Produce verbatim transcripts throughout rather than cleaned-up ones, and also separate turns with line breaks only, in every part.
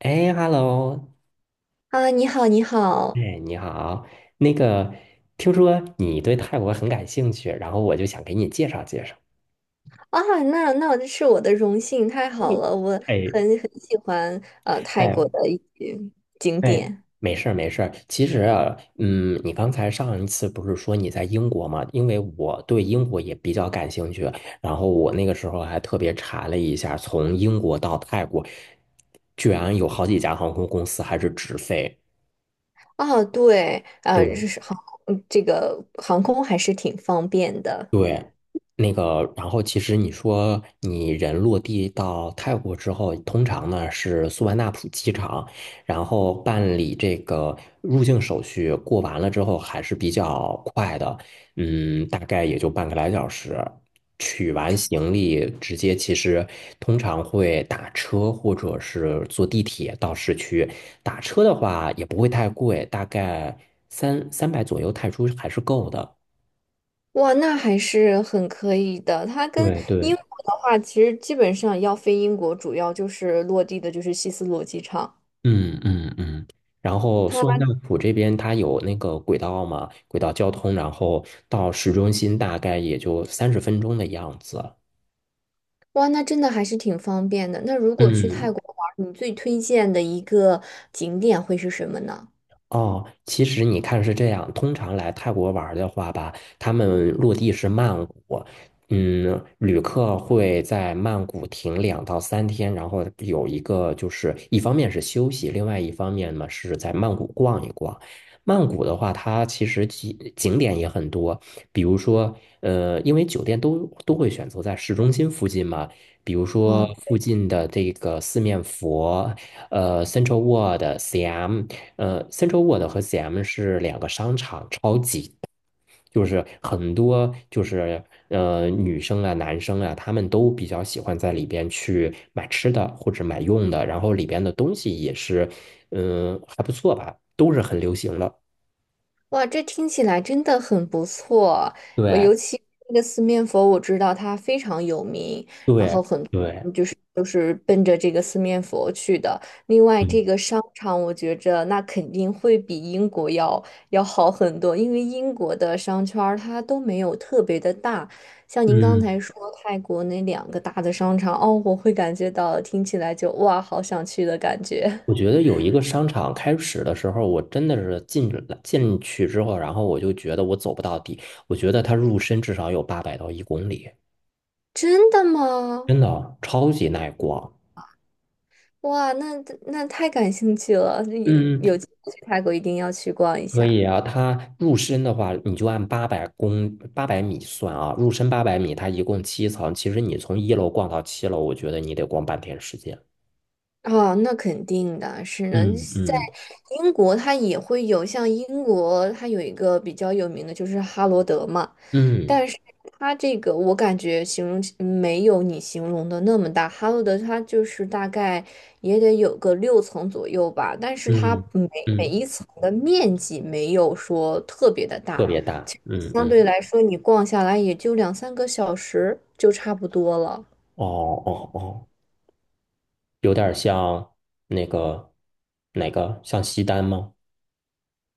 哎，Hello，
啊，你好，你好。
哎，你好。那个，听说你对泰国很感兴趣，然后我就想给你介绍介绍。
啊，那那这是我的荣幸，太好了，我很
哎
很喜欢呃泰国
哎
的一些景
哎，
点。
没事儿没事儿。其实啊，嗯，你刚才上一次不是说你在英国吗？因为我对英国也比较感兴趣，然后我那个时候还特别查了一下，从英国到泰国，居然有好几家航空公司还是直飞。
啊，对，呃，
对，
是航嗯，这个航空还是挺方便的。
对，那个，然后其实你说你人落地到泰国之后，通常呢是素万那普机场，然后办理这个入境手续，过完了之后还是比较快的，嗯，大概也就半个来小时。取完行李，直接其实通常会打车或者是坐地铁到市区。打车的话也不会太贵，大概三三百左右泰铢还是够的。
哇，那还是很可以的。它跟
对
英
对。
国的话，其实基本上要飞英国，主要就是落地的就是希斯罗机场。
嗯嗯嗯，然后苏万
它
大浦这边它有那个轨道嘛，轨道交通，然后到市中心大概也就三十分钟的样子。
哇，那真的还是挺方便的。那如果去泰
嗯
国玩儿，你最推荐的一个景点会是什么呢？
哦，其实你看是这样，通常来泰国玩儿的话吧，他们落地是曼谷，嗯，旅客会在曼谷停两到三天，然后有一个就是一方面是休息，另外一方面嘛是在曼谷逛一逛。曼谷的话，它其实景景点也很多，比如说，呃，因为酒店都都会选择在市中心附近嘛，比如说
哦，
附近的这个四面佛，呃，Central World、C M。呃，Central World 和 C M 是两个商场，超级大就是很多就是呃女生啊、男生啊，他们都比较喜欢在里边去买吃的或者买用的，然后里边的东西也是，嗯、还不错吧，都是很流行的。
哇，这听起来真的很不错。我尤
对
其那个四面佛，我知道它非常有名，然
对
后很
对，
嗯，就是都是奔着这个四面佛去的。另外，这
嗯
个商场我觉着那肯定会比英国要要好很多，因为英国的商圈儿它都没有特别的大。像您刚
嗯。
才说泰国那两个大的商场，哦，我会感觉到听起来就哇，好想去的感觉。
我觉得有一个商场开始的时候，我真的是进了进去之后，然后我就觉得我走不到底，我觉得它入深至少有八百到一公里。
真的吗？
真的超级耐逛。
哇，那那太感兴趣了，有有
嗯，
机会去泰国一定要去逛一
可以
下。
啊。它入深的话，你就按八百公八百米算啊，入深八百米，它一共七层。其实你从一楼逛到七楼，我觉得你得逛半天时间。
哦，那肯定的，是呢。
嗯
在
嗯
英国它也会有，像英国它有一个比较有名的就是哈罗德嘛，
嗯
但是它这个我感觉形容起没有你形容的那么大，哈罗德它就是大概也得有个六层左右吧，但是它
嗯
每每
嗯，
一层的面积没有说特别的大。
特别大。嗯
相
嗯，
对来说，你逛下来也就两三个小时就差不多了。
哦哦哦，有点像那个哪个像西单吗？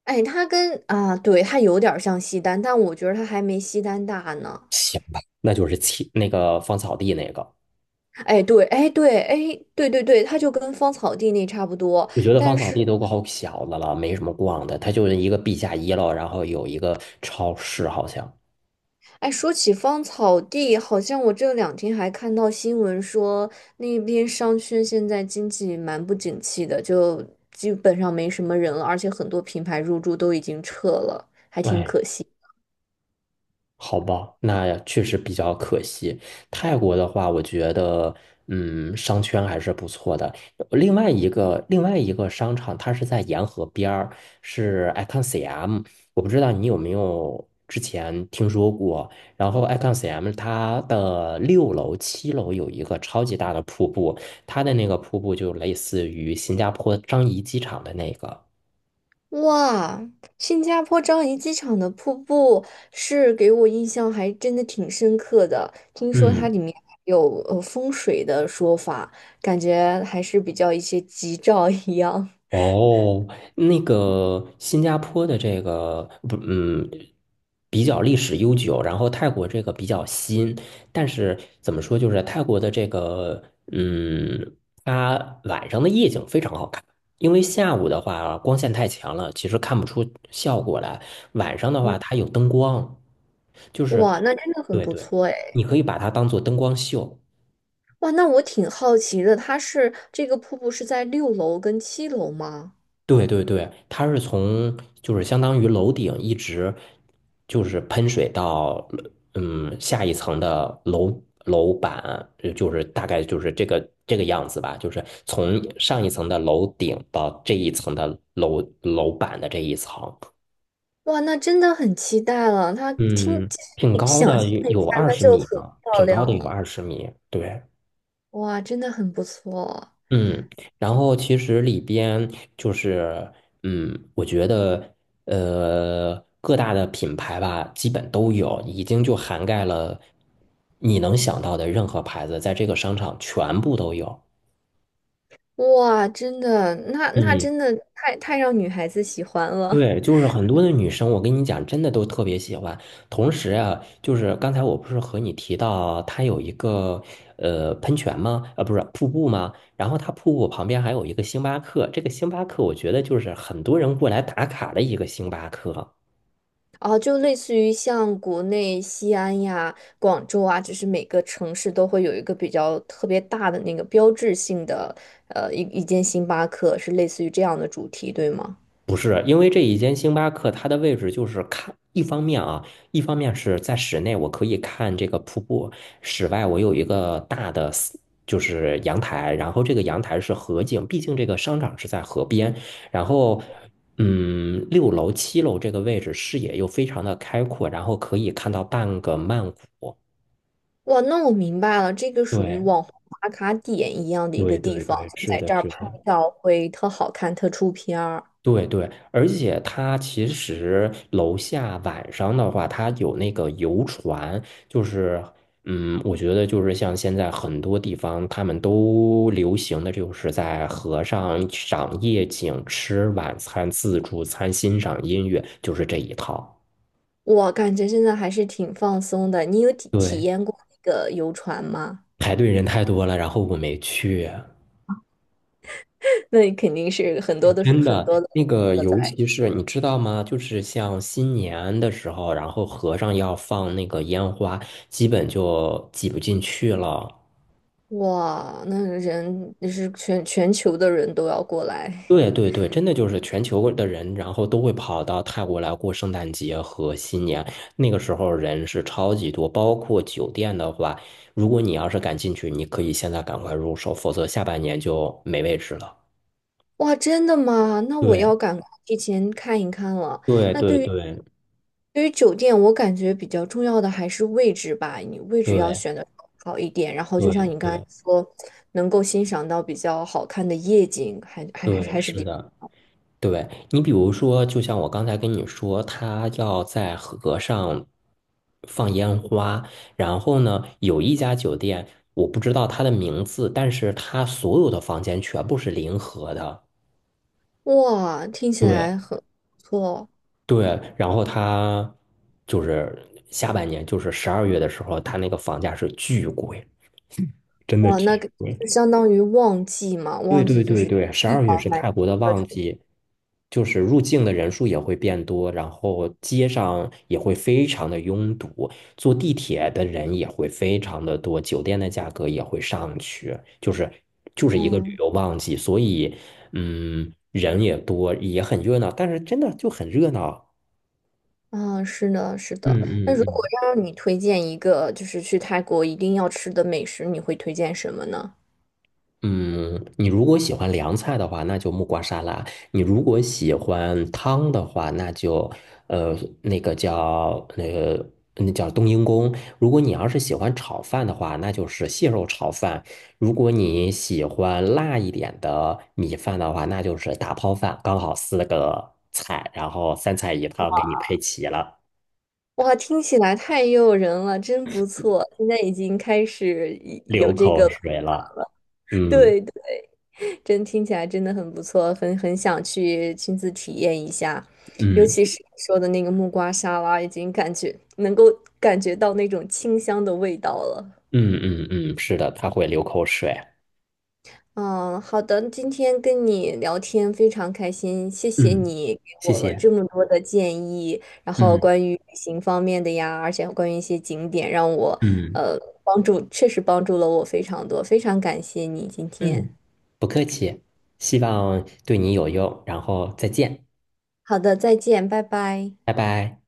哎，它跟啊，对，它有点儿像西单，但我觉得它还没西单大呢。
行吧，那就是七那个芳草地那个。
哎，对，哎，对，哎，对对对，它就跟芳草地那差不多。
我觉得
但
芳草
是，
地都够小的了，没什么逛的，它就是一个地下一楼，然后有一个超市，好像。
哎，说起芳草地，好像我这两天还看到新闻说，那边商圈现在经济蛮不景气的，就基本上没什么人了，而且很多品牌入驻都已经撤了，还挺
哎，
可惜。
好吧，那确实比较可惜。泰国的话，我觉得，嗯，商圈还是不错的。另外一个，另外一个商场，它是在沿河边儿，是 Icon C M。我不知道你有没有之前听说过。然后 Icon C M 它的六楼、七楼有一个超级大的瀑布，它的那个瀑布就类似于新加坡樟宜机场的那个。
哇，新加坡樟宜机场的瀑布是给我印象还真的挺深刻的。听说它
嗯。
里面有呃风水的说法，感觉还是比较一些吉兆一样。
哦，那个新加坡的这个不，嗯，比较历史悠久，然后泰国这个比较新，但是怎么说，就是泰国的这个，嗯，它晚上的夜景非常好看，因为下午的话光线太强了，其实看不出效果来。晚上的话，它有灯光，就是，
哇，那真的很
对
不
对，
错哎。
你可以把它当做灯光秀。
哇，那我挺好奇的，它是这个瀑布是在六楼跟七楼吗？
对对对，它是从就是相当于楼顶一直就是喷水到嗯下一层的楼楼板，呃就是大概就是这个这个样子吧，就是从上一层的楼顶到这一层的楼楼板的这一层，
哇，那真的很期待了。它听，
嗯，
其实
挺
你
高
想象
的，有
一
有
下，
二
它
十
就
米
很
呢，
漂
挺高
亮
的有
了。
二十米，对。
哇，真的很不错。
嗯，然后其实里边就是，嗯，我觉得，呃，各大的品牌吧，基本都有，已经就涵盖了你能想到的任何牌子，在这个商场全部都有。
哇，真的，那那
嗯
真的太太让女孩子喜欢了。
对，就是很多的女生，我跟你讲，真的都特别喜欢。同时啊，就是刚才我不是和你提到，它有一个呃喷泉吗？呃，不是瀑布吗？然后它瀑布旁边还有一个星巴克，这个星巴克我觉得就是很多人过来打卡的一个星巴克。
哦，就类似于像国内西安呀、广州啊，就是每个城市都会有一个比较特别大的那个标志性的，呃，一一间星巴克，是类似于这样的主题，对吗？
不是，因为这一间星巴克，它的位置就是看，一方面啊，一方面是在室内，我可以看这个瀑布；室外，我有一个大的 s- 就是阳台，然后这个阳台是河景，毕竟这个商场是在河边。然后，嗯，六楼、七楼这个位置视野又非常的开阔，然后可以看到半个曼谷。
哇，那我明白了，这个属于
对，
网红打卡点一样的一个
对
地
对
方，
对，
就
是
在这
的，
儿
是
拍
的。
照会特好看、特出片儿。
对对，而且它其实楼下晚上的话，它有那个游船，就是，嗯，我觉得就是像现在很多地方他们都流行的就是在河上赏夜景、吃晚餐、自助餐、欣赏音乐，就是这一套。
我感觉现在还是挺放松的。你有体体
对，
验过那个游船吗？
排队人太多了，然后我没去。
那你肯定是很多都是
真
很
的，
多的
那个
都在。
尤其是你知道吗？就是像新年的时候，然后和尚要放那个烟花，基本就挤不进去了。
哇，那人是全全球的人都要过来。
对对对，真的就是全球的人，然后都会跑到泰国来过圣诞节和新年。那个时候人是超级多，包括酒店的话，如果你要是敢进去，你可以现在赶快入手，否则下半年就没位置了。
哇，真的吗？那我
对
要赶快提前看一看了。
对
那
对
对于
对
对于酒店，我感觉比较重要的还是位置吧，你位置要
对
选的好一点，然后就
对
像你刚才
对，
说，能够欣赏到比较好看的夜景，还还还是
对，
还是
是
比，
的。对，你比如说，就像我刚才跟你说，他要在河上放烟花，然后呢，有一家酒店，我不知道它的名字，但是它所有的房间全部是临河的。
哇，听起
对
来很不错哦。
对，然后它就是下半年，就是十二月的时候，它那个房价是巨贵，真的
哇，那
巨
个
贵。
就相当于旺季嘛，
对
旺
对
季就
对
是
对，十
一
二月
房
是
难求
泰国的
的这
旺
种。
季，就是入境的人数也会变多，然后街上也会非常的拥堵，坐地铁的人也会非常的多，酒店的价格也会上去，就是就是一个旅
嗯，
游旺季，所以嗯，人也多，也很热闹，但是真的就很热闹。
啊，是的，是的。
嗯
那如果
嗯
让你推荐一个，就是去泰国一定要吃的美食，你会推荐什么呢？
嗯，你如果喜欢凉菜的话，那就木瓜沙拉；你如果喜欢汤的话，那就呃那个叫那个那叫冬阴功。如果你要是喜欢炒饭的话，那就是蟹肉炒饭；如果你喜欢辣一点的米饭的话，那就是打抛饭。刚好四个菜，然后三菜一汤给你配齐了，
哇，听起来太诱人了，真不错。现在已经开始一有
流
这
口
个，
水了。嗯
对对，真听起来真的很不错，很很想去亲自体验一下。尤
嗯
其是你说的那个木瓜沙拉，已经感觉能够感觉到那种清香的味道了。
嗯嗯嗯，是的，他会流口水。
嗯，好的，今天跟你聊天非常开心，谢谢
嗯，
你给
谢
我了
谢。
这么多的建议，然后
嗯
关于旅行方面的呀，而且关于一些景点，让我
嗯
呃帮助，确实帮助了我非常多，非常感谢你今天。
嗯，不客气，希望对你有用，然后再见，
好的，再见，拜拜。
拜拜。